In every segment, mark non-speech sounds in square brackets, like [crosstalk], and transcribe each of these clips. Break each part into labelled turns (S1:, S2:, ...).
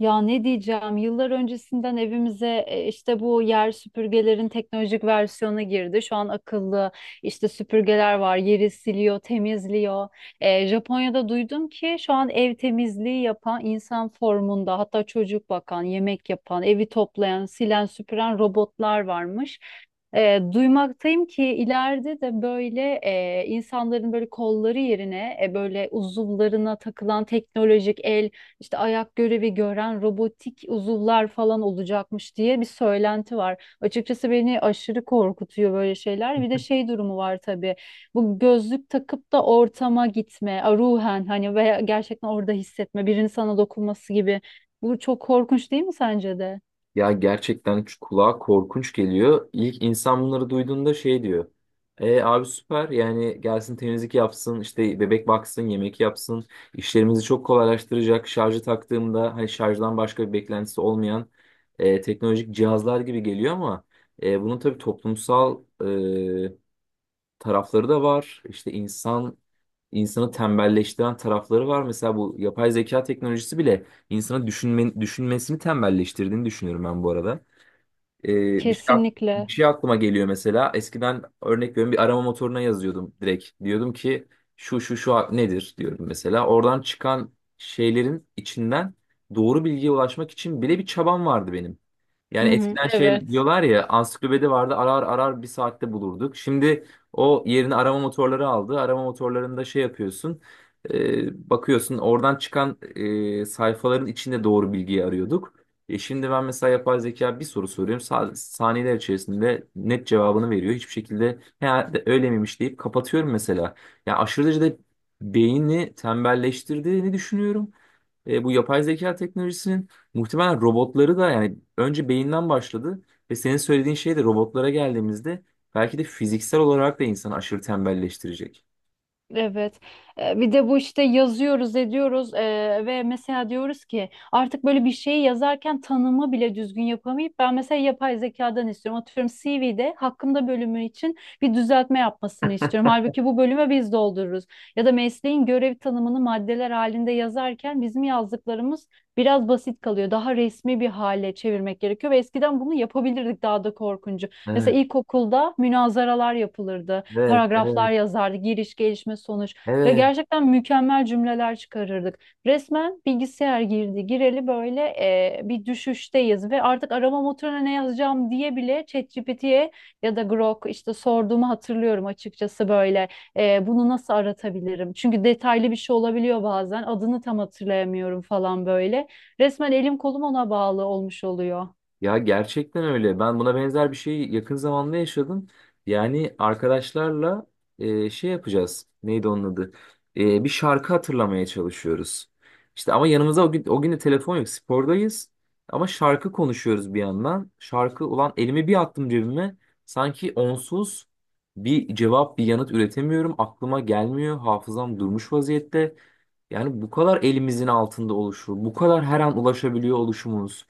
S1: Ya ne diyeceğim? Yıllar öncesinden evimize işte bu yer süpürgelerin teknolojik versiyonu girdi. Şu an akıllı işte süpürgeler var. Yeri siliyor, temizliyor. Japonya'da duydum ki şu an ev temizliği yapan insan formunda, hatta çocuk bakan, yemek yapan, evi toplayan, silen, süpüren robotlar varmış. Duymaktayım ki ileride de böyle insanların böyle kolları yerine böyle uzuvlarına takılan teknolojik el işte ayak görevi gören robotik uzuvlar falan olacakmış diye bir söylenti var. Açıkçası beni aşırı korkutuyor böyle şeyler. Bir de şey durumu var tabii. Bu gözlük takıp da ortama gitme, ruhen hani veya gerçekten orada hissetme, birinin sana dokunması gibi. Bu çok korkunç değil mi sence de?
S2: Ya gerçekten şu kulağa korkunç geliyor. İlk insan bunları duyduğunda şey diyor. E abi süper yani gelsin temizlik yapsın işte bebek baksın yemek yapsın işlerimizi çok kolaylaştıracak şarjı taktığımda hani şarjdan başka bir beklentisi olmayan teknolojik cihazlar gibi geliyor ama bunun tabii toplumsal tarafları da var. İşte insan insanı tembelleştiren tarafları var. Mesela bu yapay zeka teknolojisi bile insanı düşünmesini tembelleştirdiğini düşünüyorum ben bu arada. Ee, bir şey, ak-
S1: Kesinlikle.
S2: bir şey aklıma geliyor mesela. Eskiden örnek veriyorum bir arama motoruna yazıyordum direkt. Diyordum ki şu şu şu nedir diyorum mesela. Oradan çıkan şeylerin içinden doğru bilgiye ulaşmak için bile bir çabam vardı benim. Yani
S1: Hı hı,
S2: eskiden şey
S1: evet.
S2: diyorlar ya, ansiklopedi vardı, arar arar bir saatte bulurduk. Şimdi o yerini arama motorları aldı. Arama motorlarında şey yapıyorsun. Bakıyorsun oradan çıkan sayfaların içinde doğru bilgiyi arıyorduk. Şimdi ben mesela yapay zeka bir soru soruyorum. Saniyeler içerisinde net cevabını veriyor. Hiçbir şekilde herhalde öyle miymiş deyip kapatıyorum mesela. Ya aşırı derecede beyni tembelleştirdiğini düşünüyorum. Bu yapay zeka teknolojisinin muhtemelen robotları da, yani önce beyinden başladı ve senin söylediğin şey de robotlara geldiğimizde belki de fiziksel olarak da insanı aşırı tembelleştirecek.
S1: Evet. Bir de bu işte yazıyoruz, ediyoruz ve mesela diyoruz ki artık böyle bir şeyi yazarken tanımı bile düzgün yapamayıp ben mesela yapay zekadan istiyorum. Atıyorum CV'de hakkımda bölümü için bir düzeltme yapmasını istiyorum. Halbuki bu bölümü biz doldururuz. Ya da mesleğin görev tanımını maddeler halinde yazarken bizim yazdıklarımız biraz basit kalıyor. Daha resmi bir hale çevirmek gerekiyor ve eskiden bunu yapabilirdik daha da korkunç.
S2: Evet,
S1: Mesela ilkokulda münazaralar yapılırdı,
S2: evet,
S1: paragraflar
S2: evet,
S1: yazardı, giriş, gelişme, sonuç ve
S2: evet.
S1: gerçekten mükemmel cümleler çıkarırdık. Resmen bilgisayar girdi, gireli böyle bir düşüşteyiz ve artık arama motoruna ne yazacağım diye bile ChatGPT'ye ya da Grok işte sorduğumu hatırlıyorum açıkçası böyle. Bunu nasıl aratabilirim? Çünkü detaylı bir şey olabiliyor bazen, adını tam hatırlayamıyorum falan böyle. Resmen elim kolum ona bağlı olmuş oluyor.
S2: Ya gerçekten öyle. Ben buna benzer bir şeyi yakın zamanda yaşadım. Yani arkadaşlarla şey yapacağız. Neydi onun adı? Bir şarkı hatırlamaya çalışıyoruz. İşte ama yanımıza o gün de telefon yok. Spordayız. Ama şarkı konuşuyoruz bir yandan. Şarkı ulan elimi bir attım cebime. Sanki onsuz bir cevap, bir yanıt üretemiyorum. Aklıma gelmiyor. Hafızam durmuş vaziyette. Yani bu kadar elimizin altında oluşu, bu kadar her an ulaşabiliyor oluşumuz.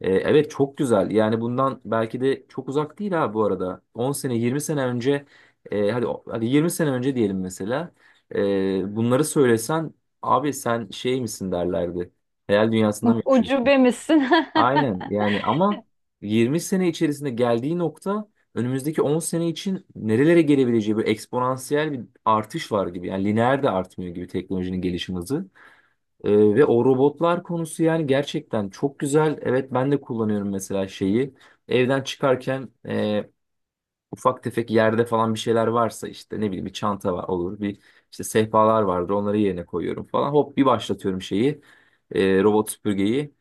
S2: Evet çok güzel. Yani bundan belki de çok uzak değil ha bu arada. 10 sene, 20 sene önce, hadi hadi 20 sene önce diyelim mesela. Bunları söylesen abi sen şey misin derlerdi. Hayal dünyasında mı yaşıyorsun?
S1: Ucube misin? [laughs]
S2: Aynen yani, ama 20 sene içerisinde geldiği nokta, önümüzdeki 10 sene için nerelere gelebileceği, bir eksponansiyel bir artış var gibi. Yani lineer de artmıyor gibi teknolojinin gelişim hızı. Ve o robotlar konusu, yani gerçekten çok güzel. Evet ben de kullanıyorum mesela şeyi. Evden çıkarken ufak tefek yerde falan bir şeyler varsa, işte ne bileyim bir çanta var olur, bir işte sehpalar vardır, onları yerine koyuyorum falan. Hop bir başlatıyorum şeyi, robot süpürgeyi.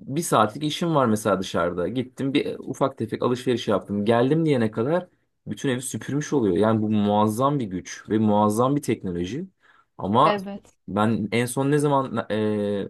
S2: Bir saatlik işim var mesela dışarıda. Gittim, bir ufak tefek alışveriş yaptım. Geldim diyene kadar bütün evi süpürmüş oluyor. Yani bu muazzam bir güç ve muazzam bir teknoloji. Ama
S1: Evet.
S2: ben en son ne zaman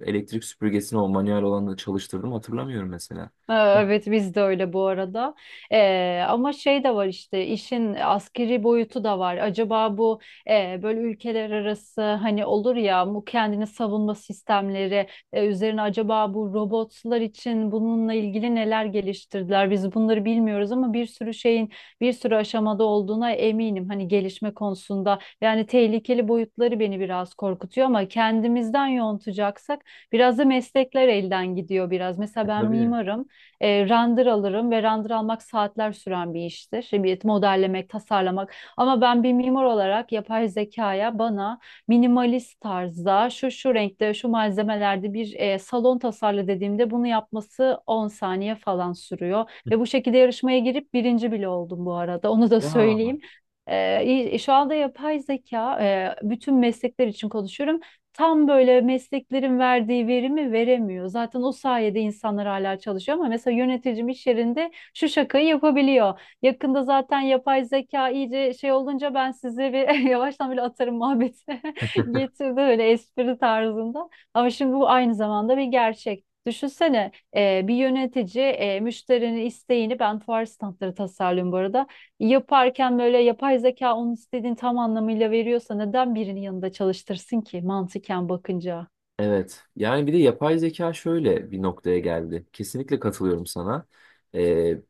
S2: elektrik süpürgesini, o manuel olanı çalıştırdım, hatırlamıyorum mesela.
S1: Evet, biz de öyle bu arada. Ama şey de var işte işin askeri boyutu da var. Acaba bu böyle ülkeler arası hani olur ya bu kendini savunma sistemleri üzerine acaba bu robotlar için bununla ilgili neler geliştirdiler? Biz bunları bilmiyoruz ama bir sürü şeyin bir sürü aşamada olduğuna eminim. Hani gelişme konusunda yani tehlikeli boyutları beni biraz korkutuyor ama kendimizden yontacaksak biraz da meslekler elden gidiyor biraz.
S2: E,
S1: Mesela ben
S2: tabii.
S1: mimarım. Render alırım ve render almak saatler süren bir iştir. Bir modellemek, tasarlamak. Ama ben bir mimar olarak yapay zekaya bana minimalist tarzda şu şu renkte, şu malzemelerde bir salon tasarla dediğimde bunu yapması 10 saniye falan sürüyor. Ve bu şekilde yarışmaya girip birinci bile oldum bu arada. Onu da
S2: Ya.
S1: söyleyeyim. Ee, şu anda yapay zeka bütün meslekler için konuşuyorum tam böyle mesleklerin verdiği verimi veremiyor. Zaten o sayede insanlar hala çalışıyor ama mesela yöneticim iş yerinde şu şakayı yapabiliyor. Yakında zaten yapay zeka iyice şey olunca ben sizi bir [laughs] yavaştan böyle atarım muhabbeti [laughs] getirdi böyle espri tarzında. Ama şimdi bu aynı zamanda bir gerçek. Düşünsene bir yönetici müşterinin isteğini ben fuar standları tasarlıyorum bu arada yaparken böyle yapay zeka onun istediğini tam anlamıyla veriyorsa neden birinin yanında çalıştırsın ki mantıken bakınca?
S2: Evet. Yani bir de yapay zeka şöyle bir noktaya geldi. Kesinlikle katılıyorum sana. Ee,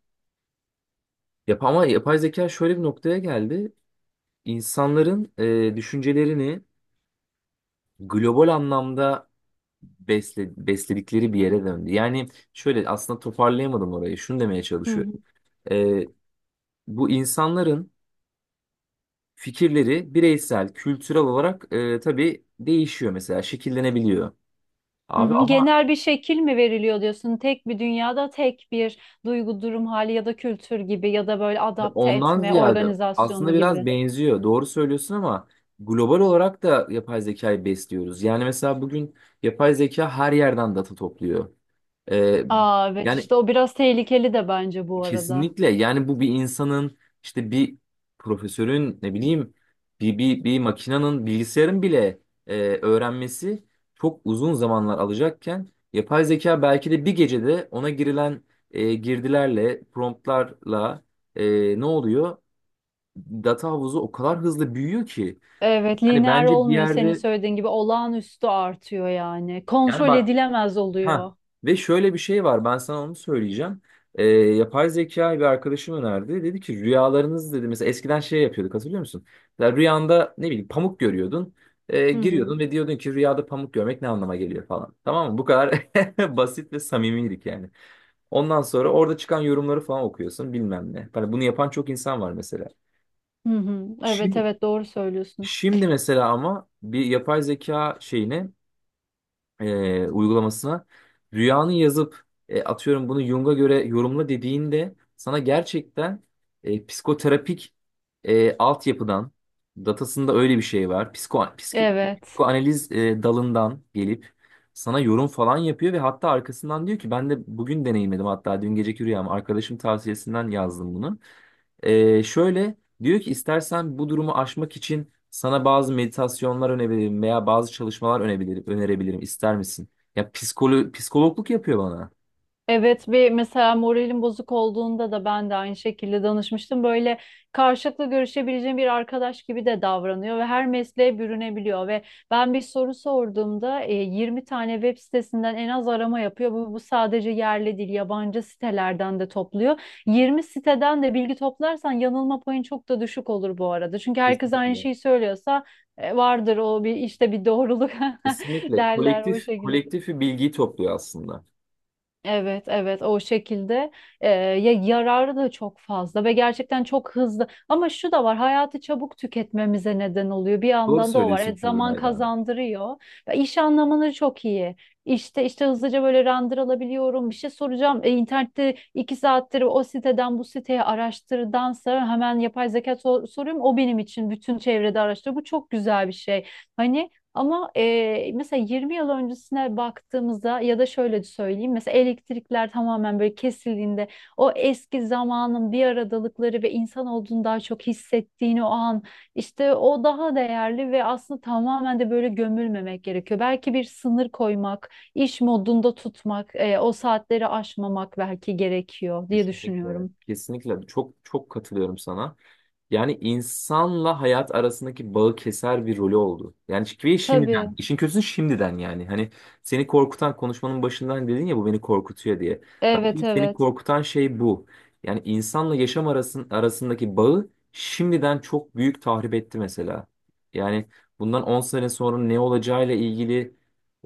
S2: yap ama yapay zeka şöyle bir noktaya geldi. İnsanların düşüncelerini global anlamda besledikleri bir yere döndü. Yani şöyle, aslında toparlayamadım orayı. Şunu demeye
S1: Hı
S2: çalışıyorum.
S1: hı.
S2: Ee, bu insanların fikirleri bireysel, kültürel olarak tabii değişiyor mesela, şekillenebiliyor.
S1: Hı
S2: Abi
S1: hı.
S2: ama
S1: Genel bir şekil mi veriliyor diyorsun? Tek bir dünyada tek bir duygu, durum hali ya da kültür gibi ya da böyle adapte
S2: ondan
S1: etme,
S2: ziyade aslında
S1: organizasyonu
S2: biraz
S1: gibi.
S2: benziyor. Doğru söylüyorsun ama global olarak da yapay zekayı besliyoruz. Yani mesela bugün yapay zeka her yerden data topluyor. Ee,
S1: Aa evet,
S2: yani
S1: işte o biraz tehlikeli de bence bu arada.
S2: kesinlikle, yani bu bir insanın, işte bir profesörün, ne bileyim, bir makinenin, bilgisayarın bile öğrenmesi çok uzun zamanlar alacakken yapay zeka belki de bir gecede ona girilen girdilerle, promptlarla, ne oluyor? Data havuzu o kadar hızlı büyüyor ki,
S1: Evet,
S2: hani
S1: lineer
S2: bence bir
S1: olmuyor senin
S2: yerde,
S1: söylediğin gibi, olağanüstü artıyor yani.
S2: yani
S1: Kontrol
S2: bak.
S1: edilemez
S2: Ha,
S1: oluyor.
S2: ve şöyle bir şey var, ben sana onu söyleyeceğim. Yapay zekayı bir arkadaşım önerdi. Dedi ki rüyalarınız dedi mesela, eskiden şey yapıyorduk hatırlıyor musun? Ya rüyanda ne bileyim pamuk görüyordun. Ee,
S1: Hı hı.
S2: giriyordun ve diyordun ki rüyada pamuk görmek ne anlama geliyor falan. Tamam mı? Bu kadar [laughs] basit ve samimiydik yani. Ondan sonra orada çıkan yorumları falan okuyorsun, bilmem ne. Hani bunu yapan çok insan var mesela.
S1: Hı hı. Evet,
S2: Şimdi,
S1: evet, doğru söylüyorsun.
S2: şimdi mesela ama bir yapay zeka şeyine, uygulamasına rüyanı yazıp atıyorum bunu Jung'a göre yorumla dediğinde sana gerçekten psikoterapik altyapıdan, datasında öyle bir şey var. Psiko, psiko-
S1: Evet.
S2: psikoanaliz dalından gelip sana yorum falan yapıyor ve hatta arkasından diyor ki ben de bugün deneyimledim, hatta dün geceki rüyamı arkadaşım tavsiyesinden yazdım bunu. Şöyle diyor ki istersen bu durumu aşmak için sana bazı meditasyonlar önebilirim veya bazı çalışmalar önerebilirim. İster misin? Ya psikologluk yapıyor bana.
S1: Evet, bir mesela moralim bozuk olduğunda da ben de aynı şekilde danışmıştım. Böyle karşılıklı görüşebileceğim bir arkadaş gibi de davranıyor ve her mesleğe bürünebiliyor ve ben bir soru sorduğumda 20 tane web sitesinden en az arama yapıyor. Bu sadece yerli değil, yabancı sitelerden de topluyor. 20 siteden de bilgi toplarsan yanılma payın çok da düşük olur bu arada. Çünkü herkes aynı
S2: Kesinlikle.
S1: şeyi söylüyorsa vardır o bir işte bir doğruluk, [laughs]
S2: Kesinlikle.
S1: derler o
S2: Kolektif
S1: şekilde.
S2: kolektif bir bilgiyi topluyor aslında.
S1: Evet, evet, o şekilde. Ya yararı da çok fazla ve gerçekten çok hızlı. Ama şu da var, hayatı çabuk tüketmemize neden oluyor. Bir
S2: Doğru
S1: yandan da o var.
S2: söylüyorsun
S1: Evet, zaman
S2: Kübra ya.
S1: kazandırıyor. Ya iş anlamını çok iyi. İşte hızlıca böyle render alabiliyorum. Bir şey soracağım. E, internette 2 saattir o siteden bu siteye araştırdansa hemen yapay zeka soruyorum. O benim için bütün çevrede araştırıyor. Bu çok güzel bir şey. Hani ama mesela 20 yıl öncesine baktığımızda ya da şöyle söyleyeyim, mesela elektrikler tamamen böyle kesildiğinde o eski zamanın bir aradalıkları ve insan olduğunu daha çok hissettiğini o an işte, o daha değerli ve aslında tamamen de böyle gömülmemek gerekiyor. Belki bir sınır koymak, iş modunda tutmak, o saatleri aşmamak belki gerekiyor diye
S2: Kesinlikle.
S1: düşünüyorum.
S2: Kesinlikle. Çok çok katılıyorum sana. Yani insanla hayat arasındaki bağı keser bir rolü oldu. Yani ve
S1: Tabii.
S2: şimdiden, işin kötüsü şimdiden yani. Hani seni korkutan, konuşmanın başından dedin ya bu beni korkutuyor diye.
S1: Evet,
S2: Bence seni
S1: evet.
S2: korkutan şey bu. Yani insanla yaşam arasındaki bağı şimdiden çok büyük tahrip etti mesela. Yani bundan 10 sene sonra ne olacağıyla ilgili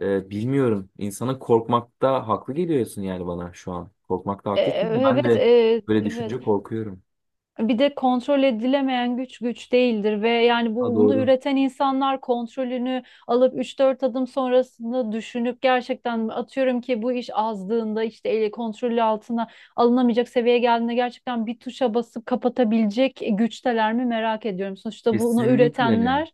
S2: bilmiyorum. İnsanın korkmakta haklı geliyorsun yani bana şu an. Korkmakta haklısın. Ben
S1: Evet,
S2: de böyle
S1: evet.
S2: düşünce korkuyorum.
S1: Bir de kontrol edilemeyen güç güç değildir ve yani
S2: Ha
S1: bu bunu
S2: doğru.
S1: üreten insanlar kontrolünü alıp üç dört adım sonrasında düşünüp gerçekten atıyorum ki bu iş azdığında işte ele kontrolü altına alınamayacak seviyeye geldiğinde gerçekten bir tuşa basıp kapatabilecek güçteler mi merak ediyorum. Sonuçta bunu
S2: Kesinlikle.
S1: üretenler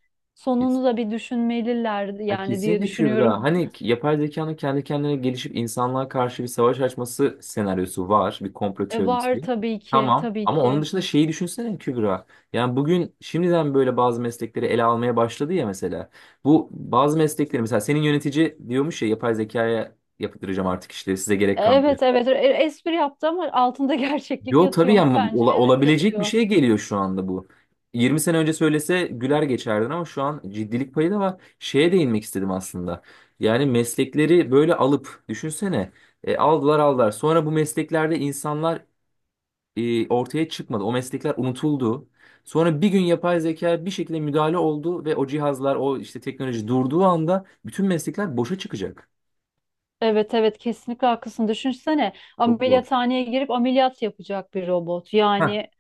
S2: Kes-
S1: sonunu da bir düşünmeliler
S2: Ha,
S1: yani diye
S2: kesinlikle Kübra.
S1: düşünüyorum.
S2: Hani yapay zekanın kendi kendine gelişip insanlığa karşı bir savaş açması senaryosu var. Bir komplo
S1: Var
S2: teorisi.
S1: tabii ki
S2: Tamam.
S1: tabii
S2: Ama onun
S1: ki.
S2: dışında şeyi düşünsene Kübra. Yani bugün şimdiden böyle bazı meslekleri ele almaya başladı ya mesela. Bu bazı meslekleri, mesela senin yönetici diyormuş ya, yapay zekaya yaptıracağım artık işleri, size gerek kalmadı.
S1: Evet, evet. Espri yaptı ama altında [laughs] gerçeklik
S2: Yo tabii
S1: yatıyor mu?
S2: ya,
S1: Bence evet,
S2: olabilecek bir
S1: yatıyor.
S2: şey geliyor şu anda bu. 20 sene önce söylese güler geçerdin ama şu an ciddilik payı da var. Şeye değinmek istedim aslında. Yani meslekleri böyle alıp düşünsene, aldılar aldılar. Sonra bu mesleklerde insanlar ortaya çıkmadı. O meslekler unutuldu. Sonra bir gün yapay zeka bir şekilde müdahale oldu ve o cihazlar, o işte teknoloji durduğu anda bütün meslekler boşa çıkacak.
S1: Evet, evet, kesinlikle haklısın. Düşünsene
S2: Çok zor.
S1: ameliyathaneye girip ameliyat yapacak bir robot. Yani,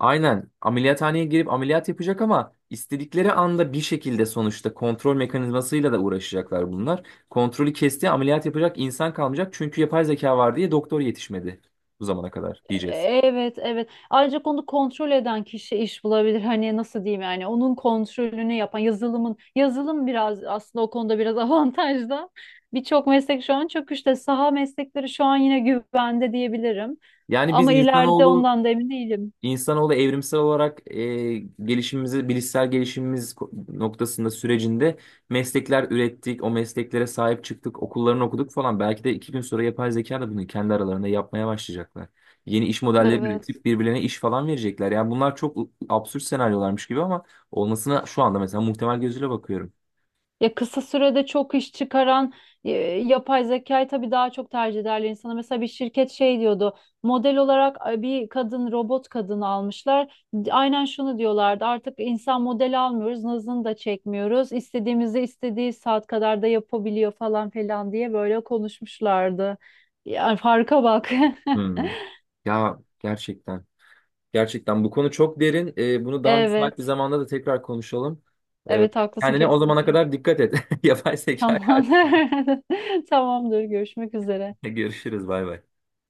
S2: Aynen, ameliyathaneye girip ameliyat yapacak, ama istedikleri anda bir şekilde sonuçta kontrol mekanizmasıyla da uğraşacaklar bunlar. Kontrolü kesti, ameliyat yapacak insan kalmayacak çünkü yapay zeka var diye doktor yetişmedi bu zamana kadar diyeceğiz.
S1: evet, evet. Ancak onu kontrol eden kişi iş bulabilir. Hani nasıl diyeyim, yani onun kontrolünü yapan yazılım biraz aslında o konuda biraz [laughs] avantajda. Birçok meslek şu an çok işte, saha meslekleri şu an yine güvende diyebilirim.
S2: Yani biz
S1: Ama ileride
S2: insanoğlu.
S1: ondan da emin değilim.
S2: İnsanoğlu evrimsel olarak gelişimimizi, bilişsel gelişimimiz noktasında sürecinde meslekler ürettik, o mesleklere sahip çıktık, okullarını okuduk falan. Belki de 2 gün sonra yapay zeka da bunu kendi aralarında yapmaya başlayacaklar. Yeni iş modelleri
S1: Evet.
S2: üretip birbirlerine iş falan verecekler. Yani bunlar çok absürt senaryolarmış gibi ama olmasına şu anda mesela muhtemel gözüyle bakıyorum.
S1: Ya kısa sürede çok iş çıkaran e, yapay zekayı tabii daha çok tercih ederler insana. Mesela bir şirket şey diyordu. Model olarak bir kadın, robot kadın almışlar. Aynen şunu diyorlardı. Artık insan model almıyoruz, nazını da çekmiyoruz. İstediğimizi istediği saat kadar da yapabiliyor falan filan diye böyle konuşmuşlardı. Yani farka bak.
S2: Hmm.
S1: [laughs]
S2: Ya gerçekten. Gerçekten bu konu çok derin. Bunu daha müsait bir
S1: Evet.
S2: zamanda da tekrar konuşalım. Ee,
S1: Evet, haklısın
S2: kendine o zamana
S1: kesinlikle.
S2: kadar dikkat et. [laughs] Yapay zeka
S1: Tamam.
S2: karşısında.
S1: [laughs] Tamamdır. Görüşmek üzere.
S2: Görüşürüz. Bay bay.